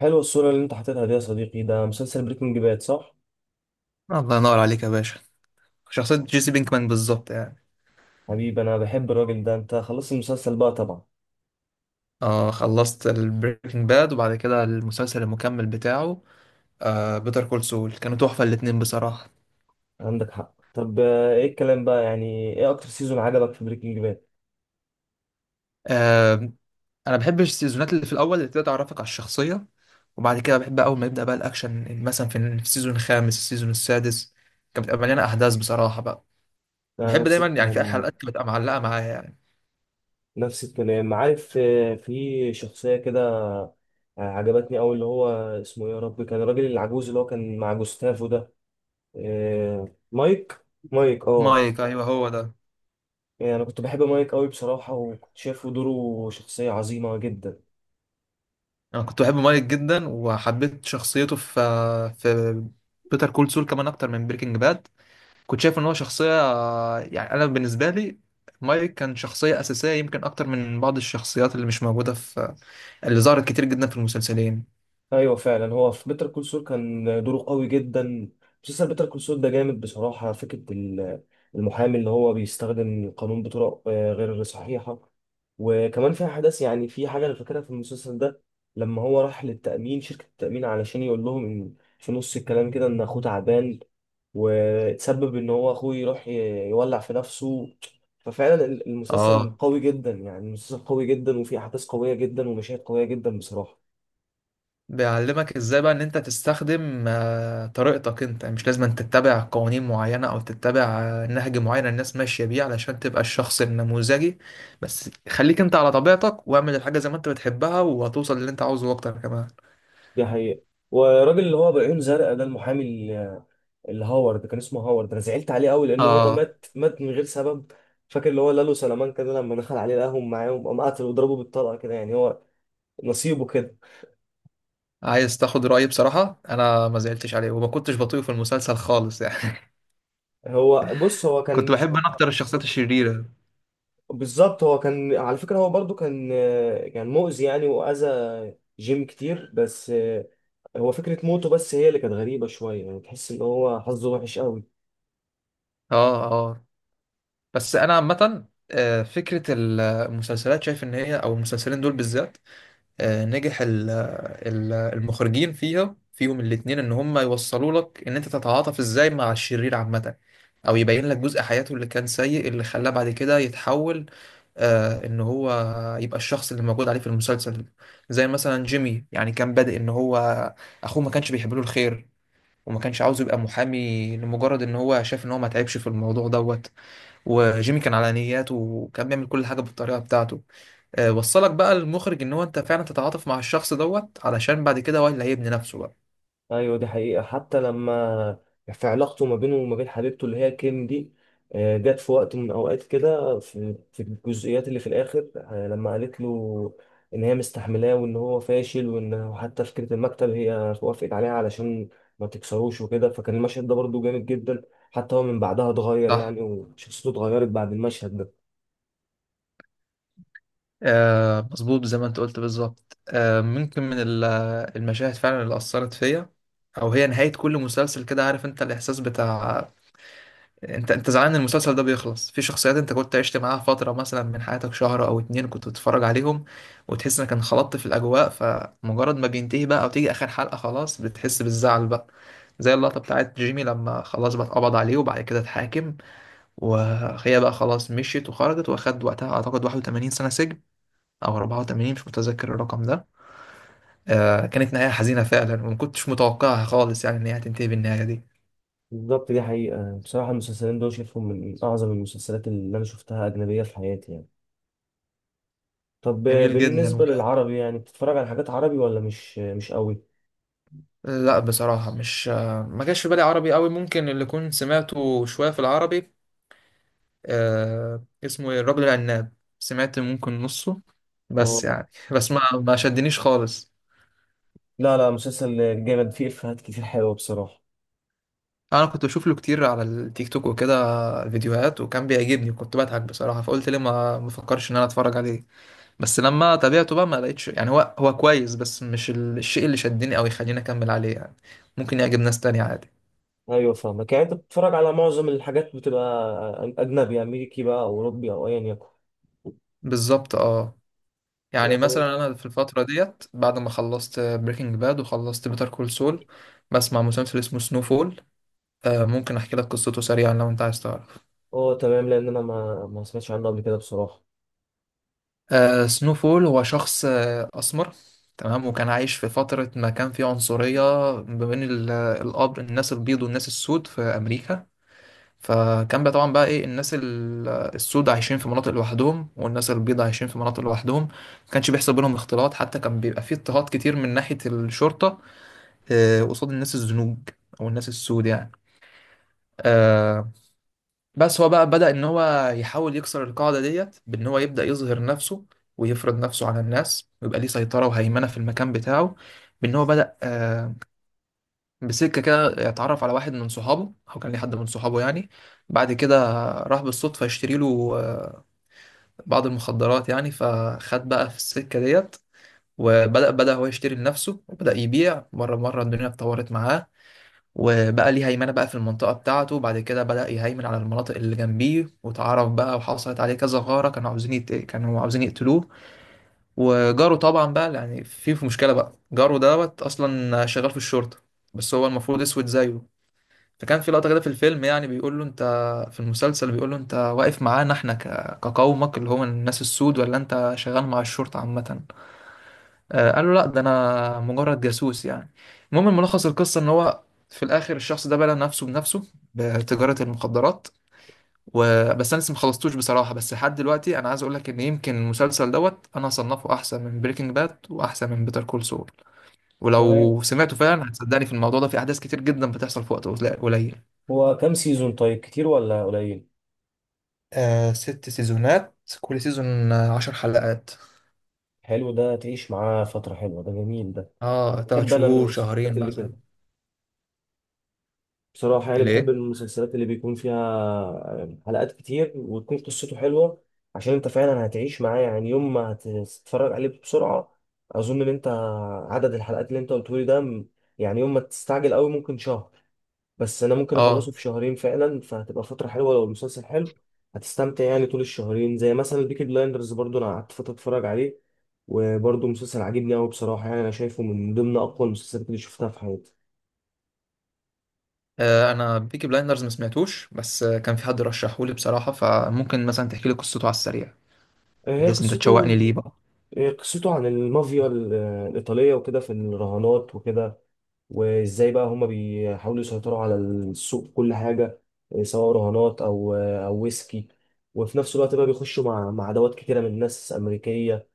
حلوة الصورة اللي انت حاططها دي يا صديقي، ده مسلسل بريكنج باد صح؟ الله ينور عليك يا باشا. شخصية جيسي بينكمان بالظبط يعني. حبيبي، انا بحب الراجل ده. انت خلصت المسلسل بقى طبعا. آه، خلصت البريكنج باد وبعد كده المسلسل المكمل بتاعه. آه، بيتر كول سول كانوا تحفة الاتنين بصراحة. عندك حق. طب ايه الكلام بقى؟ يعني ايه اكتر سيزون عجبك في بريكنج باد؟ آه، أنا بحب السيزونات اللي في الأول اللي بتبدأ تعرفك على الشخصية، وبعد كده بحب أول ما يبدأ بقى الأكشن مثلا في السيزون الخامس السيزون السادس. كانت بتبقى مليانة أحداث بصراحة بقى. انا وبحب نفس دايما يعني الكلام في يعني. حلقات بتبقى معلقة معايا يعني. نفس الكلام، عارف. في شخصية كده عجبتني أوي، اللي هو اسمه إيه يا رب، كان الراجل العجوز اللي هو كان مع جوستافو ده. آه، مايك. مايك اه. مايك أيوه هو ده. يعني انا كنت بحب مايك أوي بصراحة، وكنت شايفه دوره شخصية عظيمة جدا. انا كنت بحب مايك جدا وحبيت شخصيته في بيتر كول سول كمان اكتر من بريكنج باد. كنت شايف ان هو شخصيه، يعني انا بالنسبه لي مايك كان شخصيه اساسيه يمكن اكتر من بعض الشخصيات اللي مش موجوده اللي ظهرت كتير جدا في المسلسلين. ايوه فعلا، هو في بيتر كول سول كان دوره قوي جدا. مسلسل بيتر كول سول ده جامد بصراحه. فكره المحامي اللي هو بيستخدم القانون بطرق غير صحيحه. وكمان في احداث. يعني في حاجه انا فاكرها في المسلسل ده، لما هو راح للتامين، شركه التامين، علشان يقول لهم إن في نص الكلام كده ان اخوه تعبان، وتسبب ان هو اخوه يروح يولع في نفسه. ففعلا المسلسل اه، قوي جدا. يعني المسلسل قوي جدا وفيه احداث قويه جدا ومشاهد قويه جدا بصراحه. بيعلمك ازاي بقى ان انت تستخدم طريقتك انت، يعني مش لازم أن تتبع قوانين معينة او تتبع نهج معين الناس ماشية بيه علشان تبقى الشخص النموذجي. بس خليك انت على طبيعتك واعمل الحاجة زي ما انت بتحبها وهتوصل للي انت عاوزه اكتر كمان. دي حقيقة. والراجل اللي هو بعيون زرقاء ده، المحامي اللي هاورد، كان اسمه هاورد، انا زعلت عليه قوي لان هو اه، مات مات من غير سبب. فاكر اللي هو لالو سلامان كده، لما دخل عليه لقاهم معاهم قام قتل وضربه بالطلقه كده. يعني هو نصيبه كده. عايز تاخد رأيي بصراحة، انا ما زعلتش عليه وما كنتش بطيء في المسلسل خالص يعني. هو بص، هو كنت كان بحب انا اكتر الشخصيات الشريرة. بالظبط، هو كان على فكره، هو برضو كان مؤذي، يعني واذى جيم كتير. بس هو فكره موته بس هي اللي كانت غريبه شويه، يعني تحس ان هو حظه وحش قوي. اه، اه، بس انا عامة فكرة المسلسلات شايف ان هي او المسلسلين دول بالذات نجح المخرجين فيها فيهم الاتنين ان هم يوصلوا لك ان انت تتعاطف ازاي مع الشرير عامة، او يبين لك جزء حياته اللي كان سيء اللي خلاه بعد كده يتحول، آه، ان هو يبقى الشخص اللي موجود عليه في المسلسل. زي مثلا جيمي يعني كان بادئ ان هو اخوه ما كانش بيحب له الخير، وما كانش عاوز يبقى محامي لمجرد ان هو شاف ان هو ما تعبش في الموضوع دوت. وجيمي كان على نياته وكان بيعمل كل حاجة بالطريقة بتاعته. وصلك بقى المخرج ان هو انت فعلا تتعاطف مع الشخص دوت علشان بعد كده هو اللي هيبني نفسه بقى. ايوه دي حقيقة. حتى لما في علاقته ما بينه وما بين حبيبته، اللي هي كيم دي، جت في وقت من الاوقات كده، في الجزئيات اللي في الاخر، لما قالت له ان هي مستحملاه وان هو فاشل وان حتى فكرة المكتب هي وافقت عليها علشان ما تكسروش وكده، فكان المشهد ده برضه جامد جدا. حتى هو من بعدها اتغير صح، يعني، وشخصيته اتغيرت بعد المشهد ده. آه مظبوط زي ما انت قلت بالظبط. آه ممكن من المشاهد فعلا اللي اثرت فيا، او هي نهاية كل مسلسل كده، عارف انت الاحساس بتاع انت زعلان ان المسلسل ده بيخلص في شخصيات انت كنت عشت معاها فترة مثلا من حياتك شهر او اتنين كنت بتتفرج عليهم، وتحس انك انخلطت في الاجواء. فمجرد ما بينتهي بقى او تيجي اخر حلقة خلاص بتحس بالزعل بقى. زي اللقطة بتاعت جيمي لما خلاص بقى اتقبض عليه وبعد كده اتحاكم، وهي بقى خلاص مشيت وخرجت واخد وقتها اعتقد 81 سنة سجن، او 84، مش متذكر الرقم ده. آه كانت نهاية حزينة فعلا وما كنتش متوقعها خالص يعني ان هي هتنتهي بالنهاية دي. بالظبط، دي حقيقة. بصراحة المسلسلين دول شايفهم من أعظم المسلسلات اللي أنا شفتها أجنبية في حياتي يعني. طب جميل جدا. بالنسبة للعربي، يعني بتتفرج على حاجات عربي ولا مش قوي؟ لا بصراحة مش، ما جاش في بالي عربي قوي، ممكن اللي كنت سمعته شوية في العربي آه اسمه ايه الرجل العناب. سمعت ممكن نصه، اه، بس يعني بس ما شدنيش خالص. لا لا، مسلسل جامد فيه إفيهات كتير حلوة بصراحة. انا كنت بشوف له كتير على التيك توك وكده فيديوهات، وكان بيعجبني كنت بضحك بصراحة، فقلت ليه ما فكرش ان انا اتفرج عليه. بس لما تابعته بقى ما لقيتش، يعني هو كويس بس مش الشيء اللي شدني او يخليني اكمل عليه يعني. ممكن يعجب ناس تانية عادي. أيوة فاهمك. يعني أنت بتتفرج على معظم الحاجات، بتبقى أجنبي أمريكي بقى أو أوروبي أو أيا يكن. بالظبط اه. يعني يعني مثلا انا في الفتره ديت بعد ما خلصت بريكنج باد وخلصت بيتر كول سول بسمع مسلسل اسمه سنو فول. آه، ممكن احكي لك قصته سريعا لو انت عايز تعرف. أه تمام، لأن أنا ما سمعتش عنه قبل كده بصراحة. آه سنو فول هو شخص آه اسمر. تمام، وكان عايش في فتره ما كان فيه عنصريه ما بين الاب الناس البيض والناس السود في امريكا. فكان بقى طبعا بقى ايه الناس السود عايشين في مناطق لوحدهم والناس البيض عايشين في مناطق لوحدهم. ما كانش بيحصل بينهم اختلاط، حتى كان بيبقى فيه اضطهاد كتير من ناحيه الشرطه، قصاد الناس الزنوج او الناس السود يعني. آه، بس هو بقى بدأ ان هو يحاول يكسر القاعدة ديت بان هو يبدأ يظهر نفسه ويفرض نفسه على الناس ويبقى ليه سيطرة وهيمنة في المكان بتاعه. بان هو بدأ بسكة كده يتعرف على واحد من صحابه او كان ليه حد من صحابه يعني. بعد كده راح بالصدفة يشتري له بعض المخدرات يعني، فخد بقى في السكة ديت. وبدأ هو يشتري لنفسه، وبدأ يبيع مرة مرة الدنيا اتطورت معاه. وبقى ليه هيمنة بقى في المنطقة بتاعته. بعد كده بدأ يهيمن على المناطق اللي جنبيه، واتعرف بقى وحصلت عليه كذا غارة، كانوا عاوزين كانوا عاوزين يقتلوه. وجاره طبعا بقى يعني في مشكلة بقى، جاره دوت أصلا شغال في الشرطة بس هو المفروض أسود زيه. فكان في لقطة كده في الفيلم يعني بيقول له في المسلسل بيقول له أنت واقف معانا إحنا كقومك اللي هم الناس السود، ولا أنت شغال مع الشرطة عامة. قال له لا، ده انا مجرد جاسوس يعني. المهم ملخص القصه ان هو في الاخر الشخص ده بلى نفسه بنفسه بتجاره المخدرات. وبس انا لسه مخلصتوش بصراحه، بس لحد دلوقتي انا عايز اقول لك ان يمكن المسلسل دوت انا هصنفه احسن من بريكنج باد واحسن من بيتر كول سول. تمام، ولو سمعته فعلا هتصدقني في الموضوع ده، في احداث كتير جدا بتحصل في وقت قليل قليل. هو كام سيزون؟ طيب كتير ولا قليل؟ آه 6 سيزونات، كل سيزون 10 حلقات. حلو، ده تعيش معاه فترة حلوة، ده جميل ده. اه تلات بحب أنا شهور المسلسلات شهرين اللي مثلا. كده بصراحة. يعني بحب ليه؟ المسلسلات اللي بيكون فيها حلقات كتير وتكون قصته حلوة. عشان انت فعلا هتعيش معاه. يعني يوم ما هتتفرج عليه بسرعة، اظن ان انت عدد الحلقات اللي انت قلتهولي ده يعني يوم ما تستعجل قوي ممكن شهر، بس انا ممكن اخلصه اه، في شهرين فعلا، فهتبقى فترة حلوة لو المسلسل حلو. هتستمتع يعني طول الشهرين. زي مثلا بيكي بلايندرز، برضو انا قعدت فترة اتفرج عليه، وبرضو مسلسل عاجبني قوي بصراحة. يعني انا شايفه من ضمن اقوى المسلسلات اللي شفتها في حياتي. انا بيكي بلايندرز ما سمعتوش، بس كان في حد رشحه لي بصراحه، فممكن مثلا تحكي لي قصته على السريع هي بحيث انت قصته تشوقني ليه بقى. إيه؟ قصته عن المافيا الإيطالية وكده، في الرهانات وكده، وإزاي بقى هما بيحاولوا يسيطروا على السوق في كل حاجة، إيه سواء رهانات أو أو ويسكي. وفي نفس الوقت بقى بيخشوا مع عدوات كتيرة من ناس أمريكية.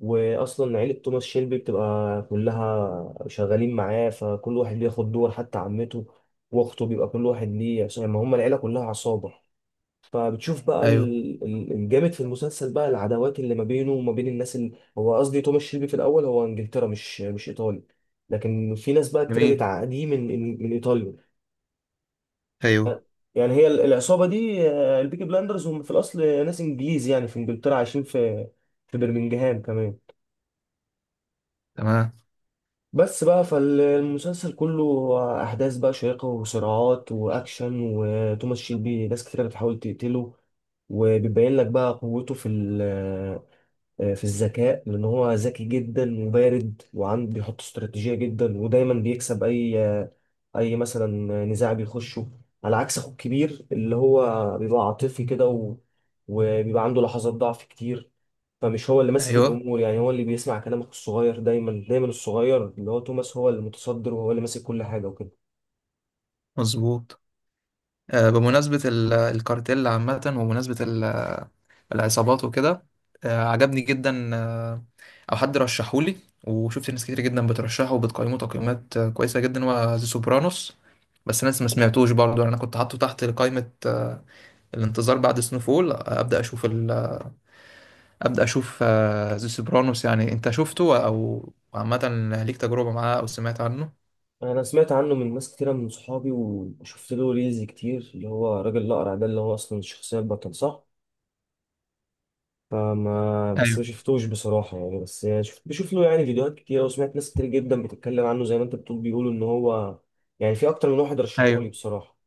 وأصلا عيلة توماس شيلبي بتبقى كلها شغالين معاه، فكل واحد بياخد دور، حتى عمته وأخته، بيبقى كل واحد ليه، عشان ما هما العيلة كلها عصابة. فبتشوف بقى ايوه الجامد في المسلسل بقى، العداوات اللي ما بينه وما بين الناس اللي، هو قصدي توماس شيلبي، في الاول هو انجلترا، مش ايطالي، لكن في ناس بقى كتير جميل. بتعاديه من ايطاليا. ايوه يعني هي العصابه دي، البيكي بلاندرز، هم في الاصل ناس انجليز يعني، في انجلترا عايشين في في برمنجهام كمان. تمام. بس بقى فالمسلسل كله احداث بقى شيقه وصراعات واكشن، وتوماس شيلبي ناس كتير بتحاول تقتله، وبيبين لك بقى قوته في ال آه، في الذكاء، لأن هو ذكي جدا وبارد وعنده بيحط استراتيجية جدا، ودايما بيكسب أي مثلا نزاع بيخشه، على عكس أخوه الكبير اللي هو بيبقى عاطفي كده وبيبقى عنده لحظات ضعف كتير. فمش هو اللي ماسك ايوه الأمور. يعني هو اللي بيسمع كلام أخوه الصغير، دايما دايما الصغير اللي هو توماس هو اللي متصدر وهو اللي ماسك كل حاجة وكده. مظبوط. بمناسبه الكارتيل عامه ومناسبه العصابات وكده، عجبني جدا او حد رشحه لي، وشفت ناس كتير جدا بترشحه وبتقيمه تقييمات كويسه جدا، هو ذا سوبرانوس. بس انا لسه ما سمعتوش برضه يعني، انا كنت حاطه تحت قائمه الانتظار بعد سنوفول، ابدا اشوف ذا سوبرانوس، يعني انت شفته او عامه ليك تجربه معاه او سمعت عنه؟ انا سمعت عنه من ناس كتيره من صحابي، وشفت له ريلز كتير، اللي هو راجل الاقرع ده، اللي هو اصلا الشخصيه البطل صح؟ فما بس ايوه. ما شفتوش بصراحة يعني. بس يعني شفت بشوف له يعني فيديوهات كتير، وسمعت ناس كتير جدا بتتكلم عنه زي ما انت بتقول، بيقولوا ان هو يعني، في اكتر من واحد رشحهولي ايوه بصراحة.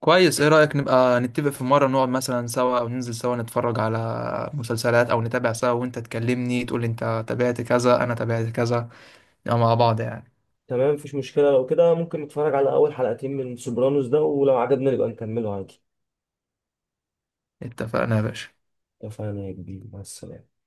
كويس. ايه رايك نبقى نتفق في مره نقعد مثلا سوا او ننزل سوا نتفرج على مسلسلات، او نتابع سوا وانت تكلمني تقول لي انت تابعت كذا انا تابعت كذا، نبقى مع بعض يعني. تمام، مفيش مشكلة لو كده. ممكن نتفرج على اول حلقتين من سوبرانوس ده، ولو عجبنا نبقى نكمله عادي. اتفقنا يا باشا. اتفقنا يا كبير. مع السلامة.